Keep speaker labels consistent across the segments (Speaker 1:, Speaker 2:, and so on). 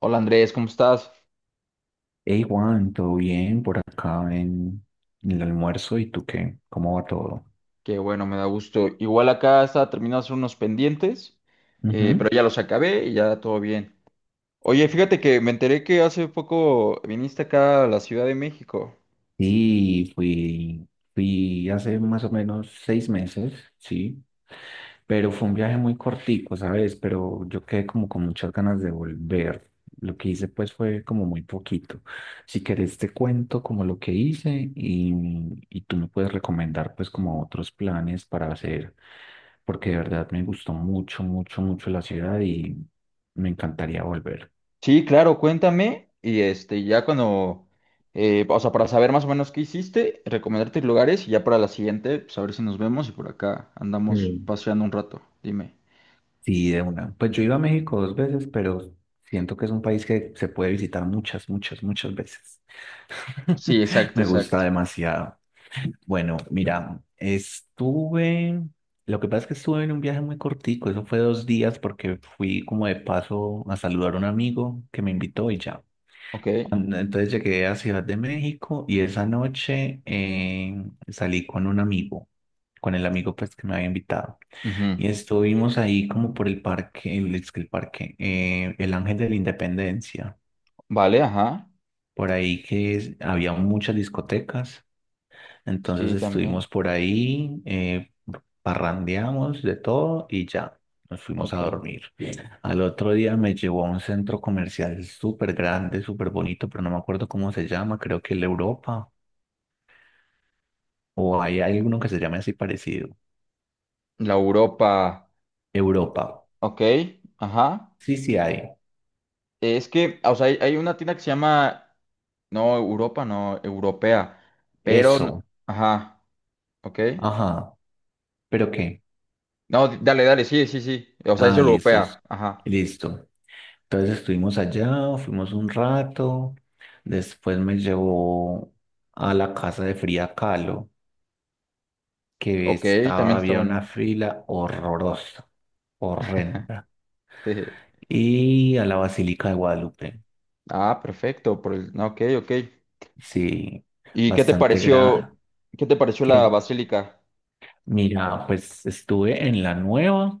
Speaker 1: Hola Andrés, ¿cómo estás?
Speaker 2: Hey Juan, ¿todo bien por acá en, el almuerzo? ¿Y tú qué? ¿Cómo va todo?
Speaker 1: Qué bueno, me da gusto. Igual acá estaba terminando de hacer unos pendientes,
Speaker 2: Ujú.
Speaker 1: pero ya los acabé y ya todo bien. Oye, fíjate que me enteré que hace poco viniste acá a la Ciudad de México.
Speaker 2: Sí, fui hace más o menos 6 meses, sí, pero fue un viaje muy cortico, ¿sabes? Pero yo quedé como con muchas ganas de volver. Lo que hice pues fue como muy poquito. Si querés te cuento como lo que hice y tú me puedes recomendar pues como otros planes para hacer, porque de verdad me gustó mucho, mucho, mucho la ciudad y me encantaría volver.
Speaker 1: Sí, claro, cuéntame. Y este, ya cuando, o sea, para saber más o menos qué hiciste, recomendarte lugares y ya para la siguiente, pues a ver si nos vemos y por acá andamos
Speaker 2: Mm.
Speaker 1: paseando un rato. Dime.
Speaker 2: Sí, de una. Pues yo he ido a México dos veces, pero siento que es un país que se puede visitar muchas, muchas, muchas veces.
Speaker 1: Sí, exacto,
Speaker 2: Me gusta
Speaker 1: exacto.
Speaker 2: demasiado. Bueno, mira, estuve, lo que pasa es que estuve en un viaje muy cortico, eso fue 2 días porque fui como de paso a saludar a un amigo que me invitó y ya.
Speaker 1: Ok.
Speaker 2: Entonces llegué a Ciudad de México y esa noche salí con un amigo, con el amigo pues que me había invitado.
Speaker 1: Ujú.
Speaker 2: Y estuvimos ahí como por el parque, el, es que el parque, el Ángel de la Independencia,
Speaker 1: Vale, ajá.
Speaker 2: por ahí había muchas discotecas. Entonces
Speaker 1: Sí, también.
Speaker 2: estuvimos por ahí, parrandeamos de todo y ya nos fuimos a
Speaker 1: Ok.
Speaker 2: dormir. Bien. Al otro día me llevó a un centro comercial súper grande, súper bonito, pero no me acuerdo cómo se llama, creo que el Europa, o hay alguno que se llame así parecido.
Speaker 1: La Europa. o-
Speaker 2: Europa.
Speaker 1: Ok, ajá.
Speaker 2: Sí, sí hay.
Speaker 1: Es que, o sea, hay una tienda que se llama, no, Europa, no, Europea, pero,
Speaker 2: Eso.
Speaker 1: ajá, ok.
Speaker 2: Ajá. ¿Pero qué?
Speaker 1: No, dale, dale, sí, sí, sí. O sea, es
Speaker 2: Ah, listo.
Speaker 1: europea, ajá.
Speaker 2: Listo. Entonces estuvimos allá, fuimos un rato, después me llevó a la casa de Frida Kahlo, que
Speaker 1: Ok,
Speaker 2: estaba,
Speaker 1: también está
Speaker 2: había una
Speaker 1: bonito.
Speaker 2: fila horrorosa, horrenda.
Speaker 1: Jeje.
Speaker 2: Y a la Basílica de Guadalupe,
Speaker 1: Ah, perfecto, por el, no, ok, ok.
Speaker 2: sí,
Speaker 1: ¿Y
Speaker 2: bastante grande.
Speaker 1: qué te pareció la
Speaker 2: ¿Qué?
Speaker 1: basílica?
Speaker 2: Mira, pues estuve en la nueva,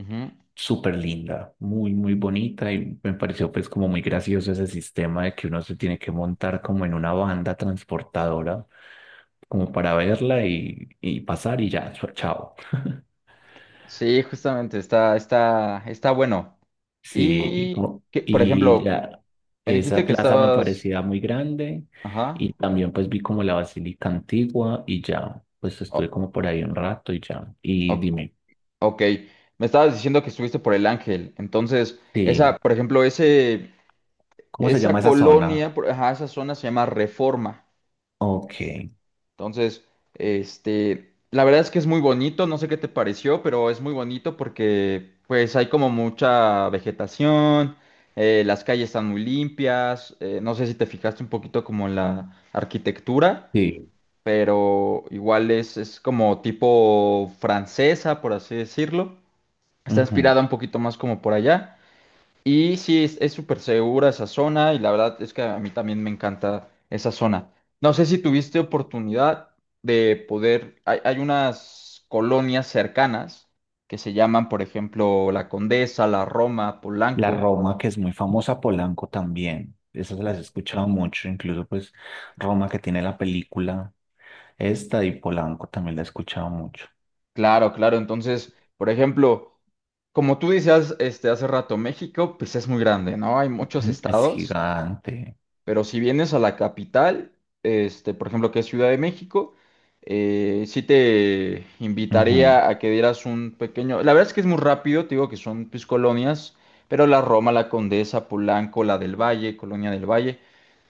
Speaker 1: Ujú.
Speaker 2: súper linda, muy, muy bonita y me pareció pues como muy gracioso ese sistema de que uno se tiene que montar como en una banda transportadora, como para verla y pasar y ya, chao.
Speaker 1: Sí, justamente, está, está, está bueno.
Speaker 2: Sí, y
Speaker 1: Y, que, por
Speaker 2: y
Speaker 1: ejemplo,
Speaker 2: ya
Speaker 1: me
Speaker 2: esa
Speaker 1: dijiste que
Speaker 2: plaza me
Speaker 1: estabas,
Speaker 2: parecía muy grande
Speaker 1: ajá.
Speaker 2: y también pues vi como la basílica antigua y ya, pues estuve
Speaker 1: O-
Speaker 2: como por ahí un rato y ya. Y
Speaker 1: o-
Speaker 2: dime,
Speaker 1: ok, me estabas diciendo que estuviste por El Ángel, entonces,
Speaker 2: sí,
Speaker 1: esa, por ejemplo, ese,
Speaker 2: ¿cómo se
Speaker 1: esa
Speaker 2: llama esa zona?
Speaker 1: colonia, ajá, esa zona se llama Reforma. Ok.
Speaker 2: Ok,
Speaker 1: Entonces, este, la verdad es que es muy bonito, no sé qué te pareció, pero es muy bonito porque, pues, hay como mucha vegetación, las calles están muy limpias, no sé si te fijaste un poquito como en la arquitectura,
Speaker 2: sí,
Speaker 1: pero igual es como tipo francesa, por así decirlo. Está
Speaker 2: ujú.
Speaker 1: inspirada un poquito más como por allá. Y sí, es súper segura esa zona y la verdad es que a mí también me encanta esa zona. No sé si tuviste oportunidad de poder, hay unas colonias cercanas que se llaman, por ejemplo, La Condesa, La Roma,
Speaker 2: La
Speaker 1: Polanco.
Speaker 2: Roma, que es muy famosa, Polanco también, esas las he escuchado mucho, incluso pues Roma que tiene la película esta y Polanco también la he escuchado mucho.
Speaker 1: Claro, claro. Entonces, por ejemplo, como tú decías este, hace rato, México, pues es muy grande, ¿no? Hay muchos
Speaker 2: Ujú. Es
Speaker 1: estados.
Speaker 2: gigante.
Speaker 1: Pero si vienes a la capital, este, por ejemplo, que es Ciudad de México, sí te
Speaker 2: Ujú,
Speaker 1: invitaría a que dieras un pequeño. La verdad es que es muy rápido, te digo que son pues, colonias, pero la Roma, la Condesa, Polanco, la del Valle, Colonia del Valle,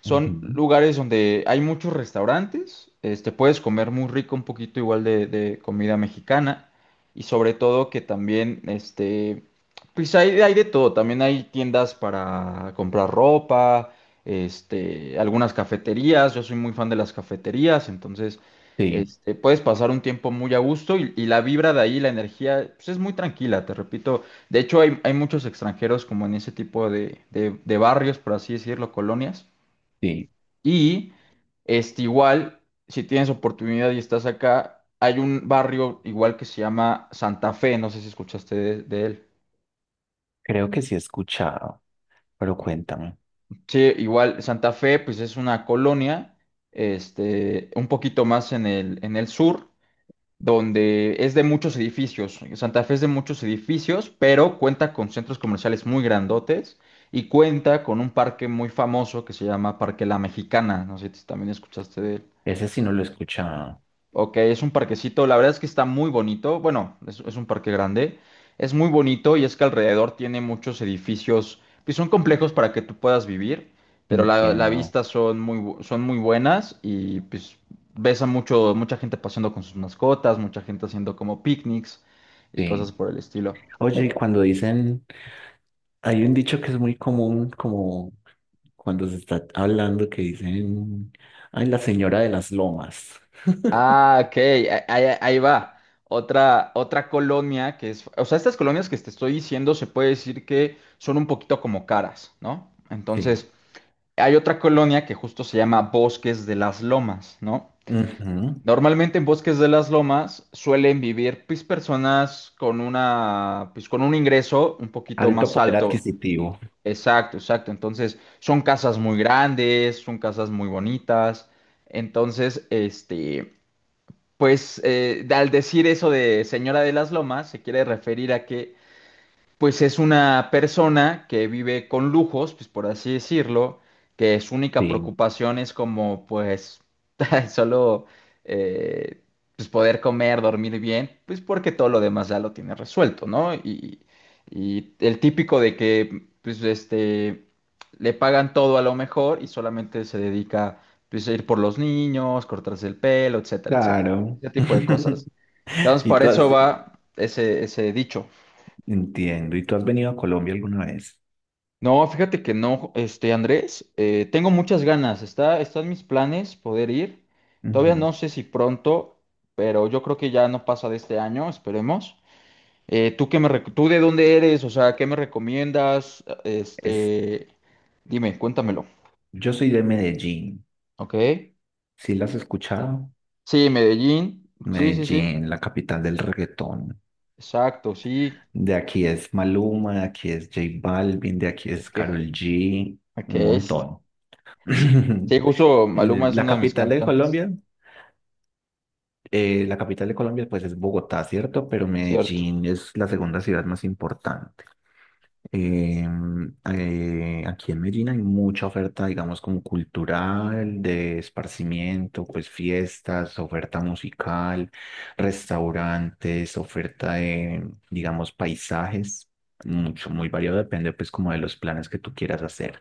Speaker 1: son
Speaker 2: ujú.
Speaker 1: lugares donde hay muchos restaurantes, este, puedes comer muy rico, un poquito igual de comida mexicana, y sobre todo que también, este, pues hay de todo, también hay tiendas para comprar ropa este, algunas cafeterías, yo soy muy fan de las cafeterías, entonces
Speaker 2: Sí.
Speaker 1: este, puedes pasar un tiempo muy a gusto y la vibra de ahí, la energía, pues es muy tranquila, te repito, de hecho hay, hay muchos extranjeros como en ese tipo de barrios, por así decirlo, colonias,
Speaker 2: Sí,
Speaker 1: y este, igual, si tienes oportunidad y estás acá, hay un barrio igual que se llama Santa Fe, no sé si escuchaste de él.
Speaker 2: creo que sí he escuchado, pero cuéntame.
Speaker 1: Sí, igual Santa Fe, pues es una colonia, este, un poquito más en el sur, donde es de muchos edificios. Santa Fe es de muchos edificios, pero cuenta con centros comerciales muy grandotes y cuenta con un parque muy famoso que se llama Parque La Mexicana. No sé si también escuchaste de él.
Speaker 2: Ese sí no lo he escuchado.
Speaker 1: Ok, es un parquecito, la verdad es que está muy bonito, bueno, es un parque grande, es muy bonito y es que alrededor tiene muchos edificios, pues son complejos para que tú puedas vivir, pero la
Speaker 2: Entiendo.
Speaker 1: vista son muy, son muy buenas y pues ves a mucho, mucha gente paseando con sus mascotas, mucha gente haciendo como picnics y cosas
Speaker 2: Sí.
Speaker 1: por el estilo.
Speaker 2: Oye, y cuando dicen, hay un dicho que es muy común, como cuando se está hablando, que dicen, ay, la señora de las lomas.
Speaker 1: Ah, ok, ahí, ahí va. Otra, otra colonia que es, o sea, estas colonias que te estoy diciendo se puede decir que son un poquito como caras, ¿no?
Speaker 2: Sí.
Speaker 1: Entonces... Hay otra colonia que justo se llama Bosques de las Lomas, ¿no?
Speaker 2: Ujú.
Speaker 1: Normalmente en Bosques de las Lomas suelen vivir pues, personas con una, pues, con un ingreso un poquito
Speaker 2: Alto
Speaker 1: más
Speaker 2: poder
Speaker 1: alto.
Speaker 2: adquisitivo.
Speaker 1: Exacto, exacto. Entonces son casas muy grandes, son casas muy bonitas. Entonces, este, pues al decir eso de Señora de las Lomas, se quiere referir a que pues es una persona que vive con lujos, pues por así decirlo, que su única
Speaker 2: Sí,
Speaker 1: preocupación es como, pues, solo eh, pues poder comer, dormir bien, pues porque todo lo demás ya lo tiene resuelto, ¿no? Y el típico de que, pues, este, le pagan todo a lo mejor y solamente se dedica, pues, a ir por los niños, cortarse el pelo, etcétera, etcétera.
Speaker 2: claro.
Speaker 1: Ese tipo de cosas. Entonces,
Speaker 2: Y
Speaker 1: para
Speaker 2: tú
Speaker 1: eso
Speaker 2: has,
Speaker 1: va ese, ese dicho.
Speaker 2: entiendo, ¿y tú has venido a Colombia alguna vez?
Speaker 1: No, fíjate que no, este Andrés, tengo muchas ganas, está, están mis planes poder ir. Todavía
Speaker 2: Ujú.
Speaker 1: no sé si pronto, pero yo creo que ya no pasa de este año, esperemos. ¿Tú qué me, tú de dónde eres? O sea, ¿qué me recomiendas?
Speaker 2: Es,
Speaker 1: Este, dime, cuéntamelo.
Speaker 2: yo soy de Medellín.
Speaker 1: ¿Ok?
Speaker 2: Sí, las has escuchado.
Speaker 1: Sí, Medellín. Sí, sí, sí.
Speaker 2: Medellín, la capital del reggaetón.
Speaker 1: Exacto, sí.
Speaker 2: De aquí es Maluma, de aquí es J Balvin, de aquí es
Speaker 1: Es
Speaker 2: Karol G, un
Speaker 1: que es,
Speaker 2: montón.
Speaker 1: sí, sí, justo Maluma es
Speaker 2: La
Speaker 1: uno de mis
Speaker 2: capital de
Speaker 1: cantantes.
Speaker 2: Colombia la capital de Colombia, pues es Bogotá, ¿cierto? Pero
Speaker 1: Cierto.
Speaker 2: Medellín es la segunda ciudad más importante. Aquí en Medellín hay mucha oferta, digamos, como cultural, de esparcimiento, pues fiestas, oferta musical, restaurantes, oferta de, digamos, paisajes, mucho, muy variado, depende pues como de los planes que tú quieras hacer.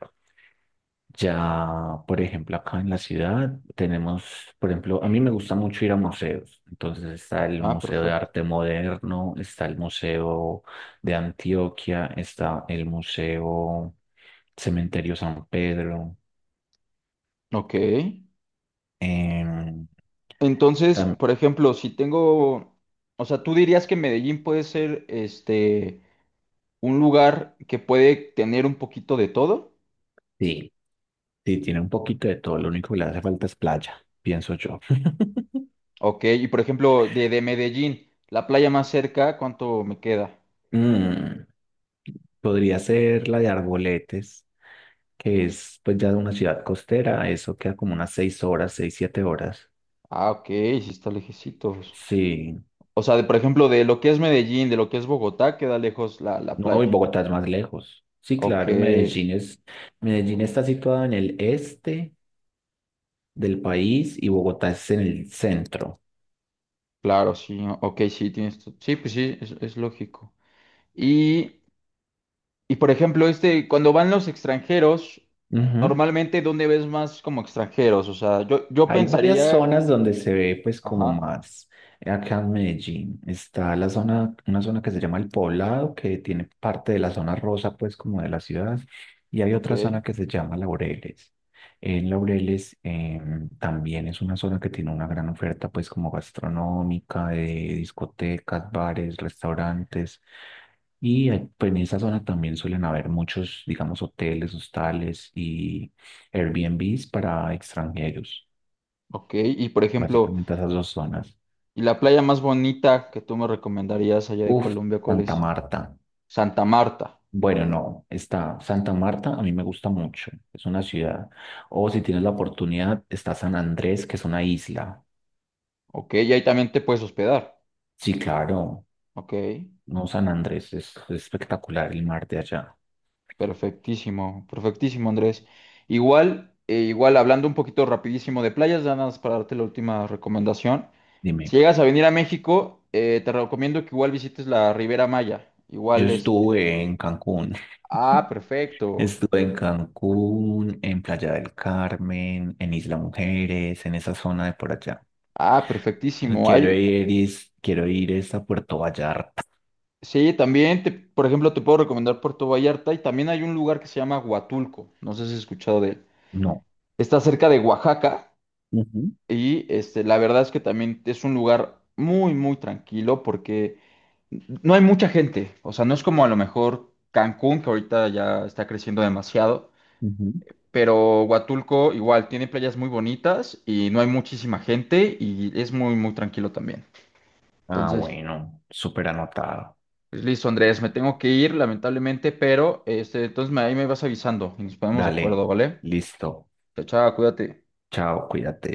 Speaker 2: Ya, por ejemplo, acá en la ciudad tenemos, por ejemplo, a mí me gusta mucho ir a museos. Entonces está el
Speaker 1: Ah,
Speaker 2: Museo de
Speaker 1: perfecto.
Speaker 2: Arte Moderno, está el Museo de Antioquia, está el Museo Cementerio San Pedro.
Speaker 1: Ok.
Speaker 2: em,
Speaker 1: Entonces,
Speaker 2: tam-
Speaker 1: por ejemplo, si tengo, o sea, tú dirías que Medellín puede ser este un lugar que puede tener un poquito de todo.
Speaker 2: sí, sí, tiene un poquito de todo. Lo único que le hace falta es playa, pienso yo.
Speaker 1: Ok, y por ejemplo, de Medellín, la playa más cerca, ¿cuánto me queda?
Speaker 2: Mm, Podría ser la de Arboletes, que es pues ya una ciudad costera. Eso queda como unas 6 horas, 6, 7 horas.
Speaker 1: Ah, ok, sí está lejecitos.
Speaker 2: Sí,
Speaker 1: O sea, de, por ejemplo, de lo que es Medellín, de lo que es Bogotá, queda lejos la, la
Speaker 2: no, y
Speaker 1: playa.
Speaker 2: Bogotá es más lejos. Sí,
Speaker 1: Ok,
Speaker 2: claro, Medellín es, Medellín está situada en el este del país y Bogotá es en el centro.
Speaker 1: claro, sí, ok, sí, tienes, sí, pues sí, es lógico. Y y por ejemplo, este, cuando van los extranjeros,
Speaker 2: Ujú.
Speaker 1: normalmente, ¿dónde ves más como extranjeros? O sea, yo
Speaker 2: Hay varias
Speaker 1: pensaría,
Speaker 2: zonas donde se ve pues como
Speaker 1: ajá,
Speaker 2: más acá en Medellín. Está la zona, una zona que se llama El Poblado, que tiene parte de la zona rosa pues como de la ciudad, y hay
Speaker 1: ok,
Speaker 2: otra zona que se llama Laureles. En Laureles también es una zona que tiene una gran oferta pues como gastronómica, de discotecas, bares, restaurantes, y pues, en esa zona también suelen haber muchos, digamos, hoteles, hostales y Airbnbs para extranjeros.
Speaker 1: ok. Y por ejemplo,
Speaker 2: Básicamente esas dos zonas.
Speaker 1: ¿y la playa más bonita que tú me recomendarías allá de
Speaker 2: Uf,
Speaker 1: Colombia, cuál
Speaker 2: Santa
Speaker 1: es?
Speaker 2: Marta.
Speaker 1: Santa Marta,
Speaker 2: Bueno, no, está Santa Marta, a mí me gusta mucho. Es una ciudad. O si tienes la oportunidad, está San Andrés, que es una isla.
Speaker 1: ok, y ahí también te puedes hospedar,
Speaker 2: Sí, claro.
Speaker 1: ok,
Speaker 2: No, San Andrés es espectacular el mar de allá.
Speaker 1: perfectísimo, perfectísimo, Andrés. Igual, igual, hablando un poquito rapidísimo de playas, ya nada más para darte la última recomendación. Si
Speaker 2: Dime,
Speaker 1: llegas a venir a México, te recomiendo que igual visites la Ribera Maya.
Speaker 2: yo
Speaker 1: Igual, este.
Speaker 2: estuve en Cancún.
Speaker 1: Ah, perfecto.
Speaker 2: Estuve en Cancún, en Playa del Carmen, en Isla Mujeres, en esa zona de por allá.
Speaker 1: Ah, perfectísimo.
Speaker 2: Quiero
Speaker 1: Hay,
Speaker 2: ir, quiero ir es a Puerto Vallarta.
Speaker 1: sí, también, te, por ejemplo, te puedo recomendar Puerto Vallarta y también hay un lugar que se llama Huatulco. No sé si has escuchado de él.
Speaker 2: No.
Speaker 1: Está cerca de Oaxaca
Speaker 2: Ujú.
Speaker 1: y este, la verdad es que también es un lugar muy, muy tranquilo porque no hay mucha gente. O sea, no es como a lo mejor Cancún, que ahorita ya está creciendo demasiado.
Speaker 2: Ujú.
Speaker 1: Pero Huatulco igual tiene playas muy bonitas y no hay muchísima gente y es muy, muy tranquilo también.
Speaker 2: Ah,
Speaker 1: Entonces,
Speaker 2: bueno, súper anotado.
Speaker 1: pues listo, Andrés, me tengo que ir, lamentablemente, pero este, entonces ahí me vas avisando y nos ponemos de
Speaker 2: Dale,
Speaker 1: acuerdo, ¿vale?
Speaker 2: listo.
Speaker 1: Chao, chao, cuídate.
Speaker 2: Chao, cuídate.